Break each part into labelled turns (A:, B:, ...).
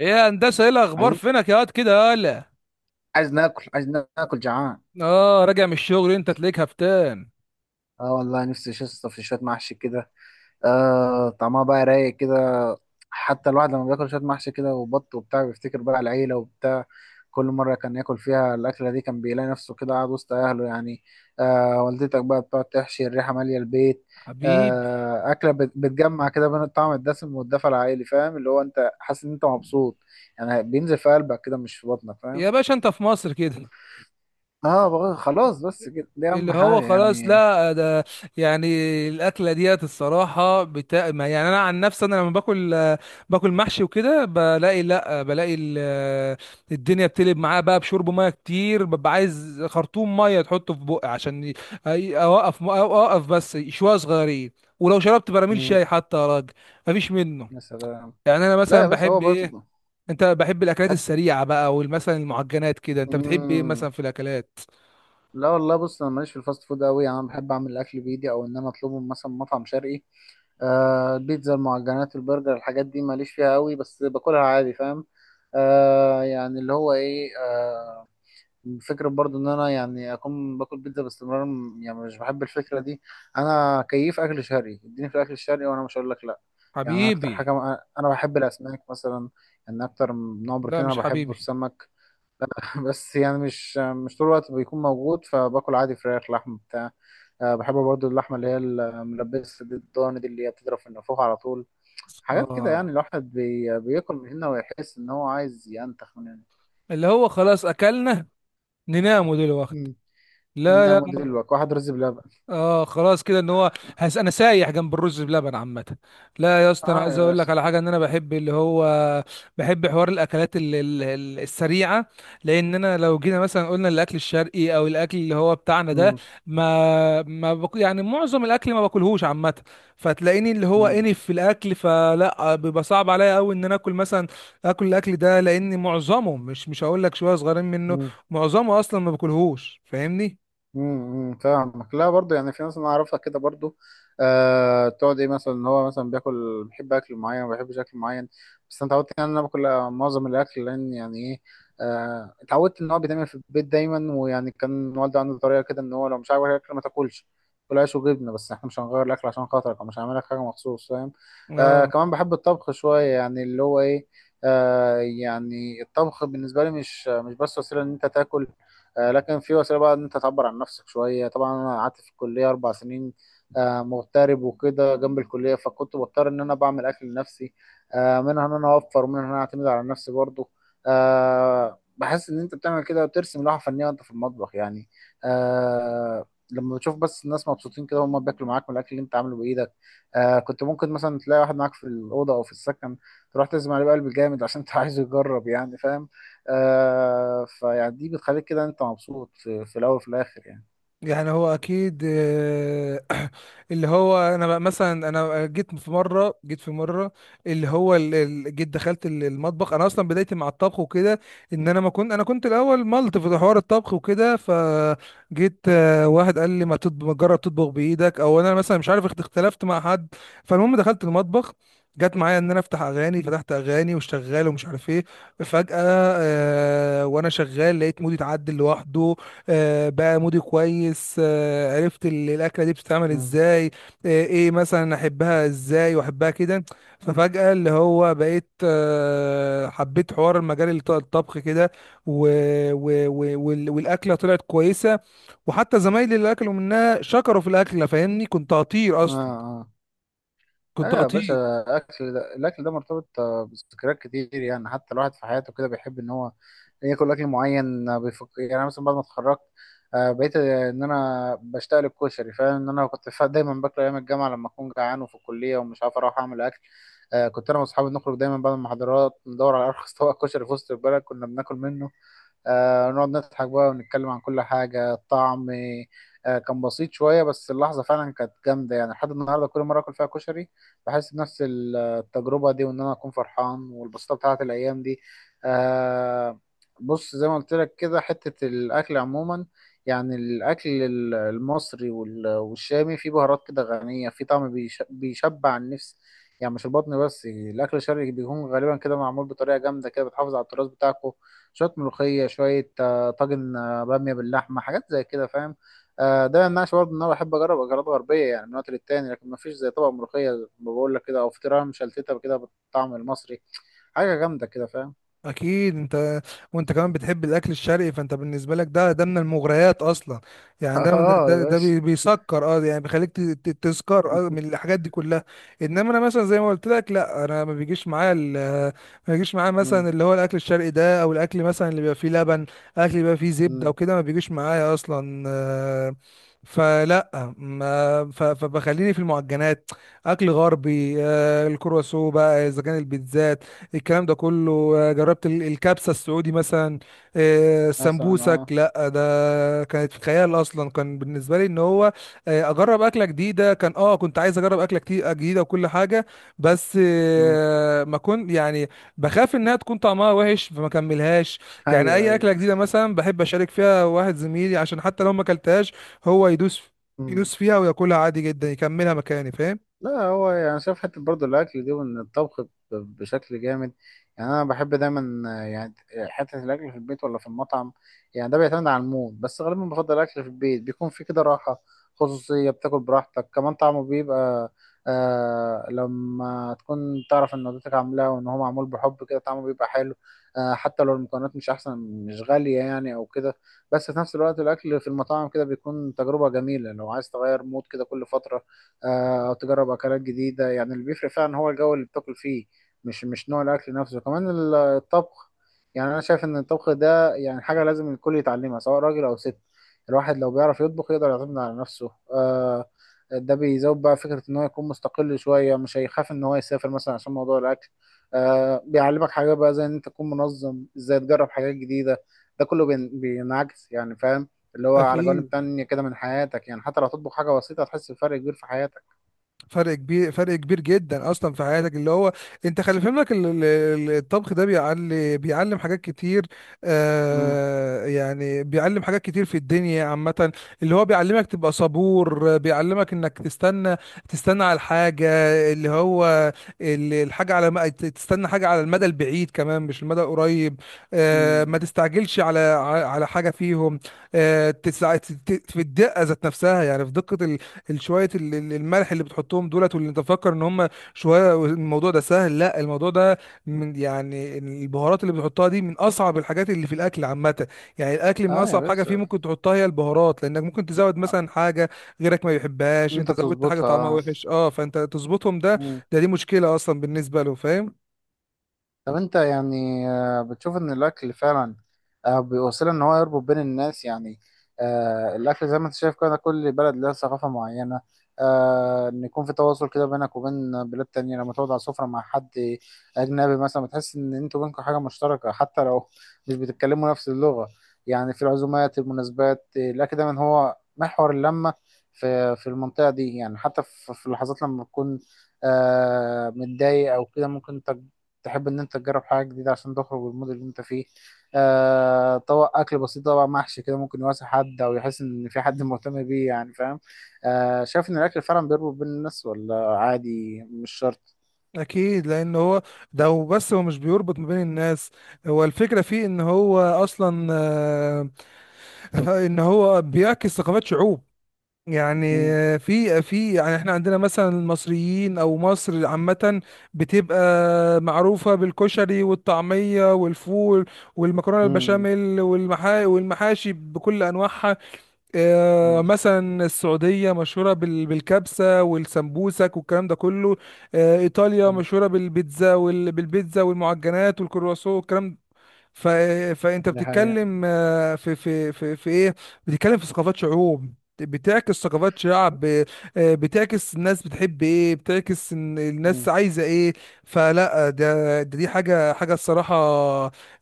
A: ايه يا هندسه، ايه الاخبار؟
B: عايزين.
A: فينك يا واد كده؟ يالا.
B: عايز ناكل جعان.
A: اه، راجع من الشغل. انت تلاقيك هفتان؟
B: اه، والله نفسي شصت في شويه محشي كده. آه، طعمها بقى رايق كده. حتى الواحد لما بياكل شويه محشي كده وبط وبتاع بيفتكر بقى العيله وبتاع. كل مره كان ياكل فيها الاكله دي كان بيلاقي نفسه كده قاعد وسط اهله يعني. آه، والدتك بقى بتقعد تحشي الريحه ماليه البيت.
A: حبيبي.
B: آه، اكله بتجمع كده بين الطعم الدسم والدفى العائلي، فاهم؟ اللي هو انت حاسس ان انت مبسوط، يعني بينزل في قلبك كده مش في بطنك،
A: يا
B: فاهم؟
A: باشا، انت في مصر كده.
B: اه، بقى خلاص، بس كده دي
A: اللي
B: اهم حاجه
A: هو خلاص،
B: يعني.
A: لا ده. يعني، الاكله ديت الصراحه ما يعني، انا عن نفسي انا لما باكل، باكل محشي وكده بلاقي لا بلاقي ال- الدنيا بتقلب معاه بقى، بشرب ميه كتير، ببقى عايز خرطوم ميه تحطه في بقي عشان اوقف اوقف، بس شويه صغيرين. ولو شربت براميل
B: مم.
A: شاي حتى يا راجل، مفيش منه.
B: يا سلام.
A: يعني انا
B: لا يا
A: مثلا
B: باشا، هو
A: بحب ايه؟
B: برضه.
A: انت بحب الاكلات
B: حت...
A: السريعه بقى، والمثلا المعجنات كده؟ انت بتحب ايه
B: مم.
A: مثلا في الاكلات؟
B: لا والله، بص، انا ماليش في الفاست فود قوي، يعني انا بحب اعمل الاكل بايدي او ان انا اطلبه من مثلا مطعم شرقي. آه، البيتزا المعجنات البرجر، الحاجات دي ماليش فيها قوي، بس باكلها عادي، فاهم؟ آه، يعني اللي هو ايه، آه، فكرة برضو ان انا يعني اكون باكل بيتزا باستمرار، يعني مش بحب الفكرة دي. انا كيف اكل شرقي اديني في الاكل الشرقي وانا مش هقول لك لا. يعني أنا اكتر حاجة،
A: حبيبي.
B: انا بحب الاسماك مثلا. ان اكتر نوع
A: لا
B: بروتين انا
A: مش
B: بحبه
A: حبيبي.
B: السمك. بس يعني مش طول الوقت بيكون موجود، فباكل عادي فراخ لحم بتاع. أه، بحب برضو اللحمة اللي هي الملبسة دي الضاني دي اللي هي بتضرب في النافوخ على طول. حاجات كده
A: اه،
B: يعني الواحد بياكل من هنا ويحس ان هو عايز ينتخ من هنا.
A: اللي هو خلاص اكلنا، نناموا دلوقتي؟
B: مم. إن
A: لا،
B: انا
A: لا.
B: موديل الوك واحد رز بلبن.
A: اه خلاص، كده ان هو هس، انا سايح جنب الرز بلبن عامه. لا يا اسطى، انا
B: اه
A: عايز
B: يا
A: اقول لك
B: باشا.
A: على حاجه. ان انا بحب اللي هو بحب حوار الاكلات السريعه. لان انا لو جينا مثلا قلنا الاكل الشرقي، او الاكل اللي هو بتاعنا ده،
B: مم.
A: ما ما بق... يعني معظم الاكل ما باكلهوش عامه. فتلاقيني اللي هو
B: مم.
A: انف في الاكل، فلا بيبقى صعب عليا قوي ان انا اكل مثلا، اكل الاكل ده، لان معظمه مش هقول لك شويه صغيرين منه.
B: مم.
A: معظمه اصلا ما باكلهوش، فاهمني؟
B: فاهمك، لا برضه يعني في ناس انا اعرفها كده برضه. آه، تقعد ايه مثلا ان هو مثلا بياكل بيحب اكل معين ما بيحبش اكل معين. بس انا اتعودت يعني ان انا باكل، معظم الاكل لان يعني ايه. آه، اتعودت ان هو بيتعمل في البيت دايما، ويعني كان والدي عنده طريقه كده ان هو لو مش عاجبك الاكل ما تاكلش. كل عيش وجبنه، بس احنا مش هنغير الاكل عشان خاطرك او مش هنعمل لك حاجه مخصوص، فاهم؟ آه،
A: اه،
B: كمان بحب الطبخ شويه يعني اللي هو ايه. آه، يعني الطبخ بالنسبه لي مش بس وسيله ان انت تاكل، لكن في وسيله بقى ان انت تعبر عن نفسك شويه. طبعا انا قعدت في الكليه 4 سنين، مغترب وكده جنب الكليه، فكنت بضطر ان انا بعمل اكل لنفسي، منها ان انا اوفر ومنها ان انا اعتمد على نفسي برضو. بحس ان انت بتعمل كده وترسم لوحه فنيه وانت في المطبخ يعني. آه، لما بتشوف بس الناس مبسوطين كده وهم بياكلوا معاك من الاكل اللي انت عامله بايدك. كنت ممكن مثلا تلاقي واحد معاك في الاوضه او في السكن تروح تزم عليه بقلب جامد عشان انت عايزه يجرب، يعني فاهم؟ فيعني دي بتخليك كده انت مبسوط في الاول وفي الاخر يعني.
A: يعني هو اكيد. اللي هو انا بقى مثلا، انا جيت في مره. اللي هو جيت دخلت المطبخ. انا اصلا بدايتي مع الطبخ وكده، ان انا ما كنت، انا كنت الاول ملط في حوار الطبخ وكده. فجيت واحد قال لي ما تجرب تطبخ بايدك، او انا مثلا مش عارف، اختلفت مع حد. فالمهم دخلت المطبخ، جت معايا ان انا افتح اغاني. فتحت اغاني وشغال ومش عارف ايه، فجأة، وانا شغال لقيت مودي اتعدل لوحده. بقى مودي كويس. عرفت الاكله دي بتتعمل
B: مم.
A: ازاي، ايه مثلا احبها، ازاي واحبها كده. ففجاه اللي هو بقيت حبيت حوار المجال الطبخ كده. و... والاكله طلعت كويسه. وحتى زمايلي اللي اكلوا منها شكروا في الاكله، فاهمني؟ كنت هطير
B: اه
A: اصلا،
B: اه. اه
A: كنت
B: يا باشا.
A: هطير.
B: الاكل ده الاكل ده مرتبط، بذكريات كتير يعني. حتى الواحد في حياته كده بيحب ان هو ياكل اكل معين، بيفكر. يعني أنا مثلا بعد ما اتخرجت، بقيت، ان انا بشتاق للكشري، فاهم؟ ان انا كنت دايما باكله ايام الجامعه لما اكون جعان وفي الكليه ومش عارف اروح اعمل اكل. كنت انا واصحابي نخرج دايما بعد المحاضرات ندور على ارخص طبق كشري في وسط البلد كنا بناكل منه. نقعد نضحك بقى ونتكلم عن كل حاجة. الطعم كان بسيط شوية، بس اللحظة فعلا كانت جامدة يعني. لحد النهاردة كل مرة أكل فيها كشري بحس بنفس التجربة دي وإن أنا أكون فرحان والبساطة بتاعت الأيام دي. آه. بص زي ما قلت لك كده حتة الأكل عموما. يعني الأكل المصري والشامي فيه بهارات كده غنية، فيه طعم بيشبع النفس، يعني مش البطن بس. الأكل الشرقي بيكون غالبا كده معمول بطريقة جامدة كده بتحافظ على التراث بتاعكم. شويه ملوخيه، شويه، طاجن، باميه باللحمه، حاجات زي كده، فاهم؟ آه، ده ما يمنعش برضه ان انا بحب اجرب اكلات غربيه يعني من وقت للتاني، لكن ما فيش زي طبق ملوخيه زي ما بقول لك كده او فطيره مشلتته كده بالطعم المصري. حاجه جامده كده، فاهم؟
A: اكيد انت، وانت كمان بتحب الاكل الشرقي، فانت بالنسبه لك ده من المغريات اصلا. يعني ده من-
B: اه يا
A: ده, ده
B: باشا.
A: بيسكر، يعني بيخليك تسكر اه من الحاجات دي كلها. انما انا مثلا زي ما قلت لك، لا، انا ما بيجيش معايا ما بيجيش معايا مثلا
B: مم.
A: اللي هو الاكل الشرقي ده، او الاكل مثلا اللي بيبقى فيه لبن، اكل بيبقى فيه زبده
B: مم.
A: وكده، ما بيجيش معايا اصلا. فلا ما ف- فبخليني في المعجنات، اكل غربي. الكرواسون بقى، اذا كان البيتزا، الكلام ده كله. جربت الكبسة السعودي مثلا.
B: مثلا
A: سمبوسك.
B: اه.
A: لا ده كانت خيال اصلا، كان بالنسبة لي ان هو اجرب اكلة جديدة. كان، كنت عايز اجرب اكلة كتير جديدة، وكل حاجة. بس
B: مم.
A: ما كنت يعني بخاف انها تكون طعمها وحش، فما كملهاش. يعني
B: ايوه
A: اي
B: ايوه.
A: اكلة جديدة مثلا بحب اشارك فيها واحد زميلي، عشان حتى لو ما اكلتهاش، هو
B: مم.
A: يدوس فيها وياكلها عادي جدا، يكملها مكاني. فاهم؟
B: لا هو يعني شايف حتة برضه الأكل دي وإن الطبخ بشكل جامد. يعني أنا بحب دايما، يعني حتة الأكل في البيت ولا في المطعم. يعني ده بيعتمد على المود، بس غالبا بفضل الأكل في البيت بيكون في كده راحة، خصوصية، بتاكل براحتك، كمان طعمه بيبقى لما تكون تعرف إن والدتك عاملاه وإن هو معمول بحب كده طعمه بيبقى حلو، حتى لو المكونات مش أحسن، مش غالية يعني أو كده. بس في نفس الوقت الأكل في المطاعم كده بيكون تجربة جميلة لو عايز تغير مود كده كل فترة، او تجرب أكلات جديدة. يعني اللي بيفرق فعلا هو الجو اللي بتاكل فيه، مش نوع الأكل نفسه. كمان الطبخ يعني أنا شايف إن الطبخ ده يعني حاجة لازم الكل يتعلمها سواء راجل أو ست. الواحد لو بيعرف يطبخ يقدر يعتمد على نفسه، ده بيزود بقى فكرة إن هو يكون مستقل شوية، مش هيخاف إن هو يسافر مثلا عشان موضوع الأكل، بيعلمك حاجات بقى زي إن أنت تكون منظم، إزاي تجرب حاجات جديدة. ده كله بينعكس يعني، فاهم؟ اللي هو على جوانب
A: اكيد،
B: تانية كده من حياتك، يعني حتى لو هتطبخ حاجة بسيطة هتحس بفرق كبير في حياتك.
A: فرق كبير، فرق كبير جدا اصلا في حياتك، اللي هو انت خلي في بالك الطبخ ده بيعلم حاجات كتير.
B: مم.
A: يعني بيعلم حاجات كتير في الدنيا عامة. اللي هو بيعلمك تبقى صبور، بيعلمك انك تستنى، تستنى على الحاجة، اللي هو الحاجة، تستنى حاجة على المدى البعيد كمان، مش المدى القريب. آه، ما
B: مم.
A: تستعجلش على حاجة فيهم. آه، في الدقة ذات نفسها، يعني في دقة الشوية، الملح اللي بتحطهم دولت، واللي انت فاكر ان هم شوية الموضوع ده سهل، لا الموضوع ده من، يعني البهارات اللي بتحطها دي من اصعب الحاجات اللي في الاكل عامة. يعني الاكل من
B: اه يا
A: اصعب حاجة فيه
B: باشا.
A: ممكن تحطها هي البهارات، لانك ممكن تزود مثلا حاجة غيرك ما يحبهاش، انت
B: انت
A: زودت حاجة
B: تظبطها.
A: طعمها
B: اه.
A: وحش. اه، فانت تظبطهم. ده
B: مم.
A: ده دي مشكلة اصلا بالنسبة له، فاهم؟
B: طب انت يعني، بتشوف ان الاكل فعلا، بيوصل ان هو يربط بين الناس يعني. الاكل زي ما انت شايف كده كل بلد لها ثقافة معينة، ان يكون في تواصل كده بينك وبين بلاد تانية. لما تقعد على سفرة مع حد اجنبي مثلا بتحس ان انتوا بينكم حاجة مشتركة حتى لو مش بتتكلموا نفس اللغة. يعني في العزومات المناسبات، الاكل دايما هو محور اللمة في المنطقة دي. يعني حتى في اللحظات لما تكون، متضايق او كده، ممكن تحب ان انت تجرب حاجه جديده عشان تخرج من المود اللي انت فيه. طبق اكل بسيط طبعا محشي كده ممكن يواسي حد او يحس ان في حد مهتم بيه، يعني فاهم؟ شايف ان الاكل فعلا بيربط بين الناس ولا عادي مش شرط؟
A: اكيد لان هو، ده هو، بس هو مش بيربط ما بين الناس. هو الفكرة فيه ان هو اصلا، ان هو بيعكس ثقافات شعوب. يعني،
B: مم.
A: في، يعني احنا عندنا مثلا المصريين، او مصر عامة بتبقى معروفة بالكشري والطعمية والفول والمكرونة
B: مم.
A: البشاميل، والمحاشي بكل انواعها. اه،
B: مم.
A: مثلا السعودية مشهورة بالكبسة والسمبوسك والكلام ده كله. اه، ايطاليا
B: مم.
A: مشهورة بالبيتزا والمعجنات والكرواسون والكلام. ف... فانت
B: دي حقيقة.
A: بتتكلم في ايه، بتتكلم في ثقافات شعوب، بتعكس ثقافات شعب بتعكس الناس بتحب ايه، بتعكس إن الناس
B: مم.
A: عايزه ايه. فلا ده دي حاجه الصراحه.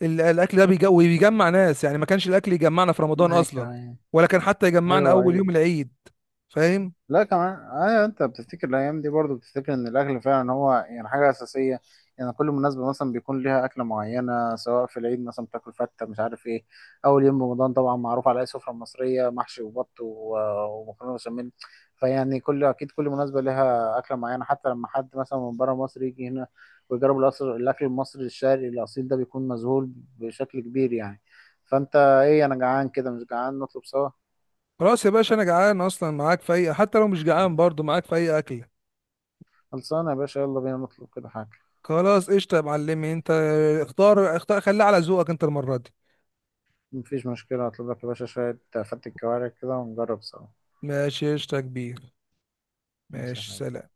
A: الاكل ده بيجمع ناس. يعني ما كانش الاكل يجمعنا في رمضان اصلا؟
B: ايوه
A: ولا كان حتى يجمعنا
B: ايوه.
A: اول
B: ايوه.
A: يوم العيد؟ فاهم؟
B: لا كمان ايوه، انت بتفتكر الايام دي برضو بتفتكر ان الاكل فعلا هو يعني حاجه اساسيه. يعني كل مناسبه مثلا بيكون ليها اكله معينه، سواء في العيد مثلا بتاكل فته، مش عارف ايه. اول يوم رمضان طبعا معروف على اي سفره مصريه محشي وبط ومكرونه بشاميل. فيعني كل، اكيد كل مناسبه ليها اكله معينه. حتى لما حد مثلا من بره مصر يجي هنا ويجرب الاكل المصري الشرقي الاصيل ده بيكون مذهول بشكل كبير يعني. فانت ايه؟ انا جعان كده، مش جعان نطلب سوا؟
A: خلاص يا باشا، انا جعان اصلا، معاك في اي. حتى لو مش جعان برضو معاك في اي اكل.
B: خلصانه يا باشا، يلا بينا نطلب كده حاجه.
A: خلاص قشطه يا معلمي، انت اختار، اختار، خليها على ذوقك انت المره دي.
B: مفيش مشكلة، هطلب لك يا باشا شوية فتة كوارع كده ونجرب سوا.
A: ماشي قشطة يا كبير.
B: ماشي يا
A: ماشي،
B: حبيبي.
A: سلام.